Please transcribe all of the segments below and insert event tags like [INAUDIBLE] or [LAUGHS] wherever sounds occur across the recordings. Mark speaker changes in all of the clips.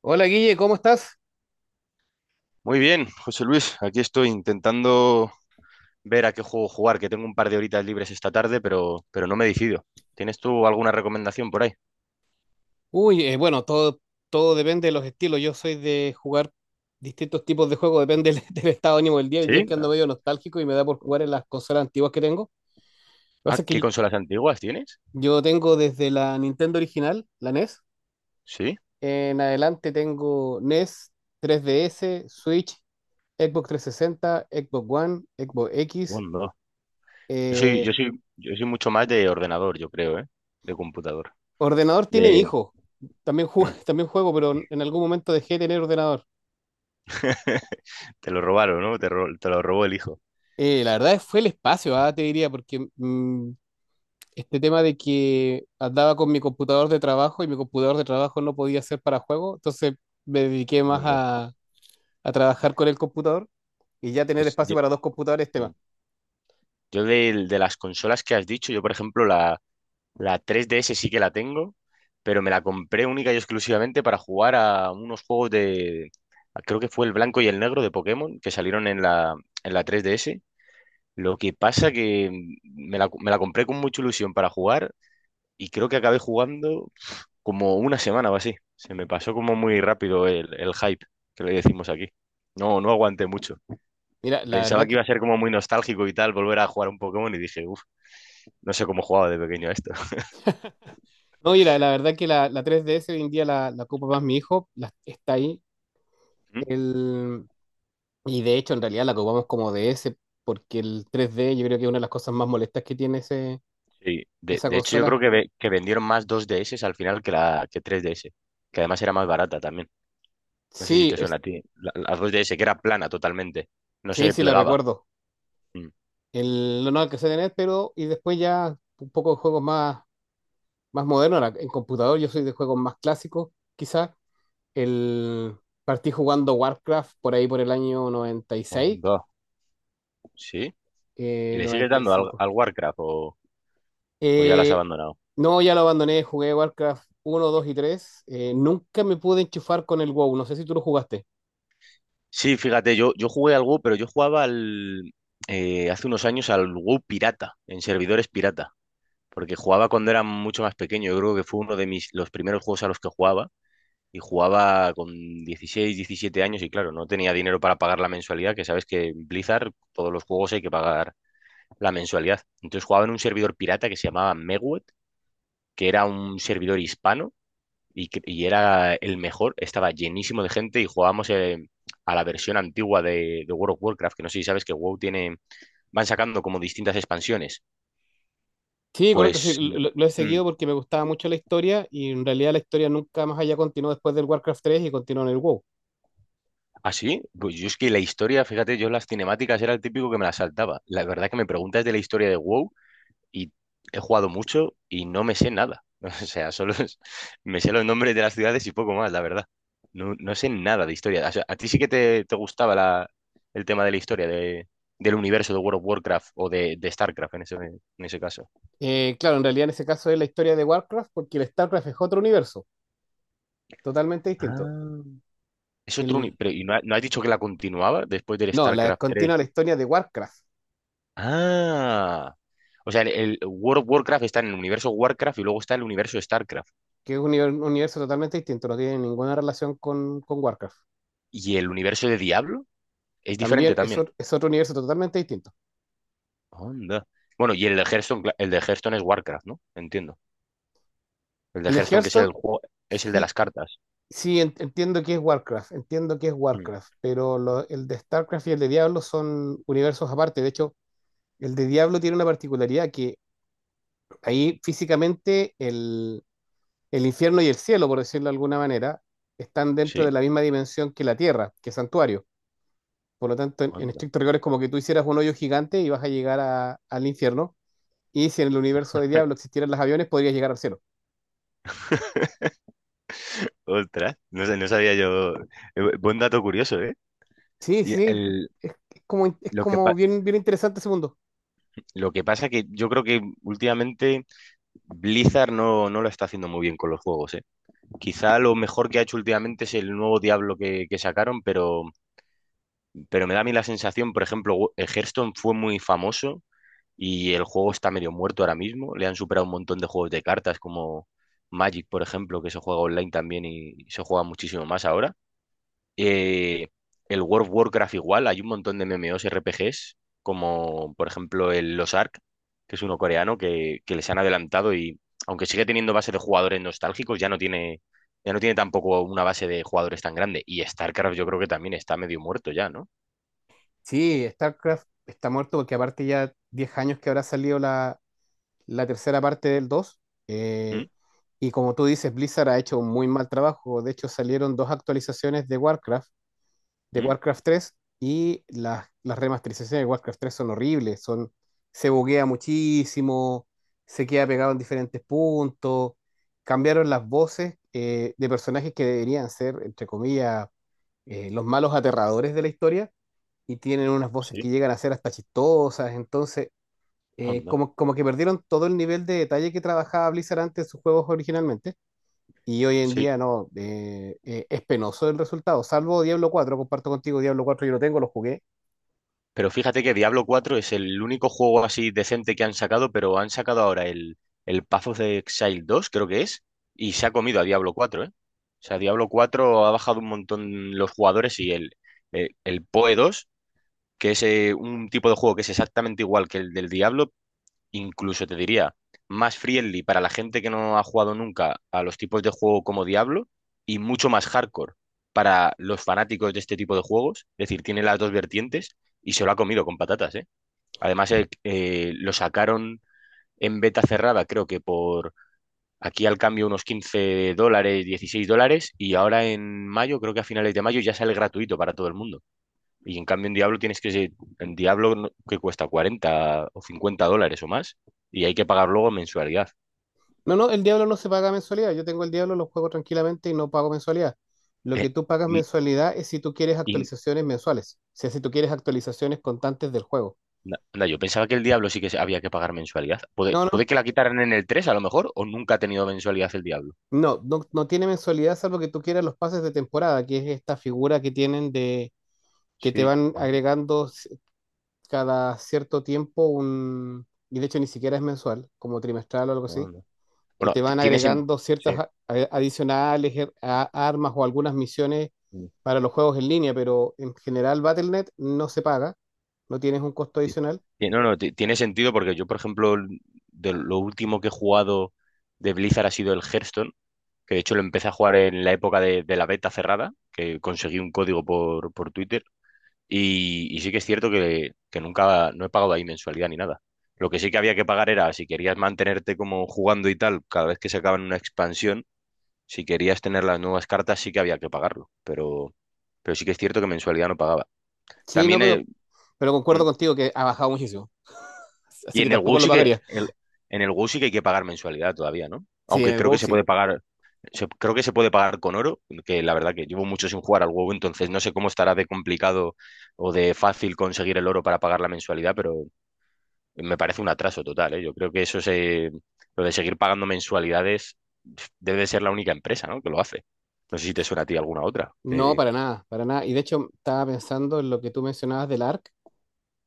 Speaker 1: Hola Guille, ¿cómo estás?
Speaker 2: Muy bien, José Luis, aquí estoy intentando ver a qué juego jugar, que tengo un par de horitas libres esta tarde, pero no me decido. ¿Tienes tú alguna recomendación por ahí?
Speaker 1: Uy, bueno, todo depende de los estilos. Yo soy de jugar distintos tipos de juegos, depende del, [LAUGHS] del estado de ánimo del día. El
Speaker 2: ¿Sí?
Speaker 1: día es que ando medio nostálgico y me da por jugar en las consolas antiguas que tengo. Lo que
Speaker 2: Ah,
Speaker 1: pasa es
Speaker 2: ¿qué
Speaker 1: que
Speaker 2: consolas antiguas tienes?
Speaker 1: yo tengo desde la Nintendo original, la NES.
Speaker 2: Sí.
Speaker 1: En adelante tengo NES, 3DS, Switch, Xbox 360, Xbox One, Xbox X.
Speaker 2: Bueno, Yo soy, yo
Speaker 1: eh,
Speaker 2: soy, yo soy mucho más de ordenador, yo creo, ¿eh? De computador.
Speaker 1: Ordenador tiene mi
Speaker 2: De...
Speaker 1: hijo. También juego,
Speaker 2: Mm,
Speaker 1: [LAUGHS] también juego, pero en algún momento dejé de tener ordenador.
Speaker 2: Te lo robaron, ¿no? Te lo robó el hijo.
Speaker 1: La verdad fue el espacio, te diría, porque este tema de que andaba con mi computador de trabajo y mi computador de trabajo no podía ser para juego, entonces me dediqué más
Speaker 2: Onda.
Speaker 1: a trabajar con el computador y ya tener
Speaker 2: Pues
Speaker 1: espacio
Speaker 2: yo,
Speaker 1: para dos computadores,
Speaker 2: mm,
Speaker 1: tema.
Speaker 2: de las consolas que has dicho, yo por ejemplo la 3DS sí que la tengo, pero me la compré única y exclusivamente para jugar a unos juegos de. Creo que fue el blanco y el negro de Pokémon que salieron en la 3DS. Lo que pasa que me la compré con mucha ilusión para jugar y creo que acabé jugando como una semana o así. Se me pasó como muy rápido el hype, que le decimos aquí. No, no aguanté mucho.
Speaker 1: Mira, la
Speaker 2: Pensaba
Speaker 1: verdad
Speaker 2: que iba
Speaker 1: que,
Speaker 2: a ser como muy nostálgico y tal, volver a jugar un Pokémon y dije, uff, no sé cómo jugaba de pequeño a esto.
Speaker 1: no, mira, la verdad que la, 3DS hoy en día la ocupa más mi hijo, está ahí.
Speaker 2: [LAUGHS]
Speaker 1: El, y de hecho, en realidad la ocupamos como DS, porque el 3D yo creo que es una de las cosas más molestas que tiene ese,
Speaker 2: Sí, de,
Speaker 1: esa
Speaker 2: de hecho yo creo
Speaker 1: consola.
Speaker 2: que, que vendieron más 2DS al final que la que 3DS, que además era más barata también. No sé si
Speaker 1: Sí,
Speaker 2: te suena a ti. La 2DS que era plana totalmente, no
Speaker 1: sí,
Speaker 2: se
Speaker 1: sí, la
Speaker 2: plegaba.
Speaker 1: recuerdo.
Speaker 2: Mm.
Speaker 1: El no, que se a pero y después ya un poco de juegos más modernos. Ahora, en computador yo soy de juegos más clásicos, quizás. El, Partí jugando Warcraft por ahí por el año 96,
Speaker 2: Onda. ¿Sí? ¿Y le sigues dando al,
Speaker 1: 95.
Speaker 2: al Warcraft o ya la has
Speaker 1: Eh,
Speaker 2: abandonado?
Speaker 1: no, ya lo abandoné, jugué Warcraft uno dos y tres. Nunca me pude enchufar con el WoW, no sé si tú lo jugaste.
Speaker 2: Sí, fíjate, yo jugué algo, pero yo jugaba hace unos años al WoW pirata, en servidores pirata, porque jugaba cuando era mucho más pequeño. Yo creo que fue uno de los primeros juegos a los que jugaba y jugaba con 16 17 años y claro, no tenía dinero para pagar la mensualidad, que sabes que en Blizzard todos los juegos hay que pagar la mensualidad. Entonces jugaba en un servidor pirata que se llamaba Megwet, que era un servidor hispano y era el mejor, estaba llenísimo de gente y jugábamos a la versión antigua de World of Warcraft, que no sé si sabes que WoW tiene, van sacando como distintas expansiones.
Speaker 1: Sí, correcto, sí,
Speaker 2: Pues,
Speaker 1: lo he
Speaker 2: mm,
Speaker 1: seguido porque me gustaba mucho la historia y en realidad la historia nunca más allá continuó después del Warcraft tres y continuó en el WoW.
Speaker 2: ¿Así? Pues yo es que la historia, fíjate, yo las cinemáticas era el típico que me las saltaba. La verdad que me preguntas de la historia de WoW y he jugado mucho y no me sé nada. [LAUGHS] O sea, solo me sé los nombres de las ciudades y poco más, la verdad. No, no sé nada de historia. O sea, a ti sí que te gustaba el tema de la historia del universo de World of Warcraft o de StarCraft en ese caso.
Speaker 1: Claro, en realidad en ese caso es la historia de Warcraft porque el StarCraft es otro universo, totalmente distinto.
Speaker 2: Ah, es otro.
Speaker 1: El,
Speaker 2: Pero, ¿y no has dicho que la continuaba después del
Speaker 1: no,
Speaker 2: StarCraft tres?
Speaker 1: continúa la historia de Warcraft,
Speaker 2: Ah. O sea, el World of Warcraft está en el universo Warcraft y luego está el universo StarCraft.
Speaker 1: que es un universo totalmente distinto, no tiene ninguna relación con Warcraft.
Speaker 2: ¿Y el universo de Diablo? Es diferente
Speaker 1: También es,
Speaker 2: también.
Speaker 1: ot- es otro universo totalmente distinto.
Speaker 2: Onda. Bueno, y el de Hearthstone, el de Hearthstone es Warcraft, ¿no? Entiendo. El de
Speaker 1: El de
Speaker 2: Hearthstone que es
Speaker 1: Hearthstone,
Speaker 2: el juego, es el de
Speaker 1: sí,
Speaker 2: las cartas.
Speaker 1: sí entiendo que es Warcraft,
Speaker 2: Mm.
Speaker 1: Pero el de StarCraft y el de Diablo son universos aparte. De hecho, el de Diablo tiene una particularidad que ahí físicamente el infierno y el cielo, por decirlo de alguna manera, están dentro de
Speaker 2: Sí,
Speaker 1: la misma dimensión que la tierra, que es santuario. Por lo tanto, en
Speaker 2: onda.
Speaker 1: estricto rigor es como que tú hicieras un hoyo gigante y vas a llegar al infierno. Y si en el universo de Diablo existieran los aviones, podrías llegar al cielo.
Speaker 2: Ostras, no sabía yo. Buen dato curioso, ¿eh?
Speaker 1: Sí,
Speaker 2: Y
Speaker 1: sí,
Speaker 2: el-
Speaker 1: es, es como, es
Speaker 2: lo que
Speaker 1: como
Speaker 2: pa-
Speaker 1: bien, bien interesante ese mundo.
Speaker 2: lo que pasa que yo creo que últimamente Blizzard no, no lo está haciendo muy bien con los juegos, ¿eh? Quizá lo mejor que ha hecho últimamente es el nuevo Diablo que sacaron, pero me da a mí la sensación, por ejemplo, Hearthstone fue muy famoso y el juego está medio muerto ahora mismo. Le han superado un montón de juegos de cartas como Magic, por ejemplo, que se juega online también y se juega muchísimo más ahora. Eh, el World of Warcraft igual, hay un montón de MMOs RPGs, como por ejemplo el Los Ark, que es uno coreano, que les han adelantado y aunque sigue teniendo base de jugadores nostálgicos, ya no tiene. Ya no tiene tampoco una base de jugadores tan grande. Y StarCraft yo creo que también está medio muerto ya, ¿no?
Speaker 1: Sí, StarCraft está muerto porque aparte ya 10 años que habrá salido la tercera parte del 2.
Speaker 2: ¿Mm?
Speaker 1: eh, y como tú dices, Blizzard ha hecho un muy mal trabajo. De hecho, salieron dos actualizaciones de Warcraft
Speaker 2: ¿Mm?
Speaker 1: Tres y las remasterizaciones de Warcraft tres son horribles. Se buguea muchísimo, se queda pegado en diferentes puntos, cambiaron las voces, de personajes que deberían ser, entre comillas, los malos aterradores de la historia, y tienen unas voces que
Speaker 2: Sí,
Speaker 1: llegan a ser hasta chistosas. Entonces
Speaker 2: anda.
Speaker 1: como que perdieron todo el nivel de detalle que trabajaba Blizzard antes en sus juegos originalmente, y hoy en
Speaker 2: Sí.
Speaker 1: día no. Es penoso el resultado, salvo Diablo cuatro. Comparto contigo, Diablo cuatro yo lo tengo, lo jugué.
Speaker 2: Pero fíjate que Diablo 4 es el único juego así decente que han sacado, pero han sacado ahora el Path of the Exile 2, creo que es, y se ha comido a Diablo 4, ¿eh? O sea, Diablo 4 ha bajado un montón los jugadores y el PoE 2, que es un tipo de juego que es exactamente igual que el del Diablo, incluso te diría, más friendly para la gente que no ha jugado nunca a los tipos de juego como Diablo y mucho más hardcore para los fanáticos de este tipo de juegos. Es decir, tiene las dos vertientes y se lo ha comido con patatas, ¿eh? Además, lo sacaron en beta cerrada, creo que por aquí al cambio unos $15, $16 y ahora en mayo, creo que a finales de mayo ya sale gratuito para todo el mundo. Y en cambio en Diablo tienes que ser, en Diablo no- que cuesta 40 o 50 dólares o más y hay que pagar luego mensualidad.
Speaker 1: No, no, el Diablo no se paga mensualidad, yo tengo el Diablo, lo juego tranquilamente y no pago mensualidad. Lo
Speaker 2: Eh,
Speaker 1: que tú pagas
Speaker 2: y,
Speaker 1: mensualidad es si tú quieres
Speaker 2: y
Speaker 1: actualizaciones mensuales, o sea, si tú quieres actualizaciones constantes del juego.
Speaker 2: anda, yo pensaba que el Diablo sí que había que pagar mensualidad. Puede,
Speaker 1: No,
Speaker 2: puede
Speaker 1: no,
Speaker 2: que la quitaran en el 3 a lo mejor o nunca ha tenido mensualidad el Diablo.
Speaker 1: no, no, no tiene mensualidad salvo que tú quieras los pases de temporada, que es esta figura que tienen de que te
Speaker 2: Sí.
Speaker 1: van
Speaker 2: Ah,
Speaker 1: agregando, cada cierto tiempo, y de hecho ni siquiera es mensual, como trimestral o algo
Speaker 2: no,
Speaker 1: así,
Speaker 2: no.
Speaker 1: que
Speaker 2: Bueno,
Speaker 1: te van agregando
Speaker 2: sí,
Speaker 1: ciertas adicionales, armas o algunas misiones
Speaker 2: sí,
Speaker 1: para los juegos en línea. Pero en general Battle.net no se paga, no tienes un costo
Speaker 2: sí.
Speaker 1: adicional.
Speaker 2: Sí, no, no, tiene sentido porque yo, por ejemplo, de lo último que he jugado de Blizzard ha sido el Hearthstone que de hecho lo empecé a jugar en la época de la beta cerrada, que conseguí un código por Twitter, y sí que es cierto que nunca, no he pagado ahí mensualidad ni nada. Lo que sí que había que pagar era, si querías mantenerte como jugando y tal, cada vez que sacaban una expansión, si querías tener las nuevas cartas, sí que había que pagarlo, pero sí que es cierto que mensualidad no pagaba.
Speaker 1: Sí, no,
Speaker 2: También,
Speaker 1: pero,
Speaker 2: mm,
Speaker 1: concuerdo contigo que ha bajado muchísimo, así
Speaker 2: y
Speaker 1: que tampoco lo pagaría.
Speaker 2: En el WoW sí que hay que pagar mensualidad todavía, ¿no?
Speaker 1: Sí, en
Speaker 2: Aunque
Speaker 1: el
Speaker 2: creo
Speaker 1: WoW
Speaker 2: que se
Speaker 1: sí.
Speaker 2: puede pagar con oro, que la verdad que llevo mucho sin jugar al huevo, entonces no sé cómo estará de complicado o de fácil conseguir el oro para pagar la mensualidad, pero me parece un atraso total, ¿eh? Yo creo que lo de seguir pagando mensualidades debe de ser la única empresa, ¿no?, que lo hace. No sé si te suena a ti alguna otra.
Speaker 1: No,
Speaker 2: Que,
Speaker 1: para nada, para nada. Y de hecho estaba pensando en lo que tú mencionabas del ARC.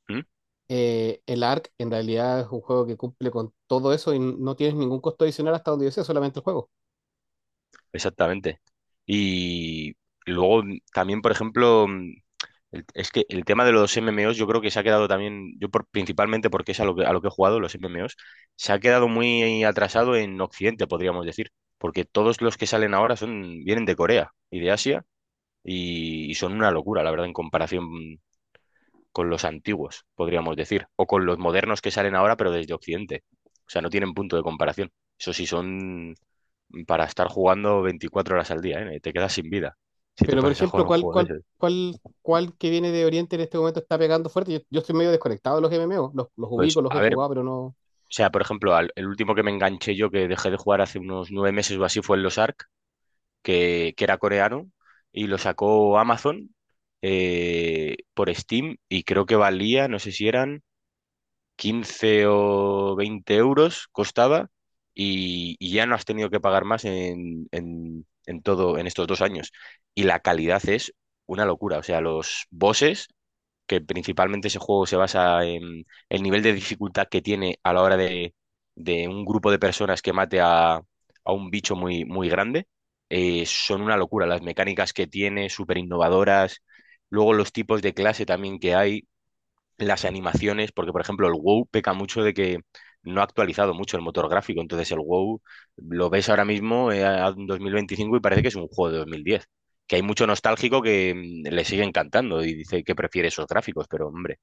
Speaker 2: ¿Mm?
Speaker 1: El ARC en realidad es un juego que cumple con todo eso y no tienes ningún costo adicional hasta donde yo sé, solamente el juego.
Speaker 2: Exactamente. Y luego también, por ejemplo, es que el tema de los MMOs yo creo que se ha quedado también, yo principalmente porque es a lo que, he jugado, los MMOs, se ha quedado muy atrasado en Occidente, podríamos decir, porque todos los que salen ahora vienen de Corea y de Asia y son una locura, la verdad, en comparación con los antiguos, podríamos decir, o con los modernos que salen ahora, pero desde Occidente. O sea, no tienen punto de comparación. Eso sí, son para estar jugando 24 horas al día, ¿eh? Te quedas sin vida si te
Speaker 1: Pero, por
Speaker 2: pones a
Speaker 1: ejemplo,
Speaker 2: jugar un
Speaker 1: ¿cuál,
Speaker 2: juego de
Speaker 1: cuál,
Speaker 2: ese.
Speaker 1: cuál, cuál que viene de Oriente en este momento está pegando fuerte? Yo estoy medio desconectado de los MMO, los ubico,
Speaker 2: Pues,
Speaker 1: los he
Speaker 2: a ver, o
Speaker 1: jugado, pero no.
Speaker 2: sea, por ejemplo, el último que me enganché yo, que dejé de jugar hace unos 9 meses o así, fue el Los Ark, que era coreano, y lo sacó Amazon por Steam, y creo que valía, no sé si eran 15 o 20 euros, costaba, y ya no has tenido que pagar más en, en todo, en estos 2 años. Y la calidad es una locura, o sea, los bosses que principalmente ese juego se basa en el nivel de dificultad que tiene a la hora de un grupo de personas que mate a un bicho muy, muy grande, son una locura. Las mecánicas que tiene, súper innovadoras. Luego los tipos de clase también que hay las animaciones, porque por ejemplo el WoW peca mucho de que no ha actualizado mucho el motor gráfico, entonces el WoW lo ves ahora mismo en 2025 y parece que es un juego de 2010, que hay mucho nostálgico que le sigue encantando y dice que prefiere esos gráficos, pero hombre,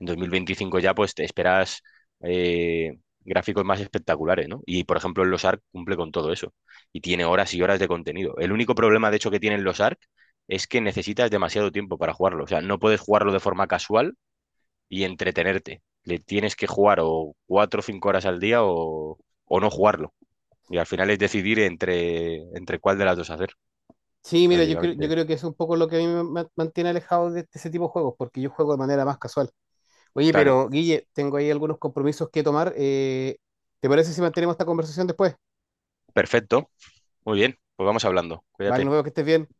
Speaker 2: en 2025 ya pues te esperas eh, gráficos más espectaculares, ¿no? Y por ejemplo los Ark cumple con todo eso y tiene horas y horas de contenido. El único problema de hecho que tienen los Ark es que necesitas demasiado tiempo para jugarlo, o sea, no puedes jugarlo de forma casual y entretenerte. Le tienes que jugar o 4 o 5 horas al día o no jugarlo. Y al final es decidir entre cuál de las dos hacer,
Speaker 1: Sí, mira, yo creo, yo
Speaker 2: básicamente.
Speaker 1: creo que es un poco lo que a mí me mantiene alejado de, este, ese tipo de juegos, porque yo juego de manera más casual. Oye,
Speaker 2: Claro,
Speaker 1: pero Guille, tengo ahí algunos compromisos que tomar. ¿Te parece si mantenemos esta conversación después?
Speaker 2: perfecto. Muy bien, pues vamos hablando.
Speaker 1: Vale, nos
Speaker 2: Cuídate.
Speaker 1: vemos, que estés bien.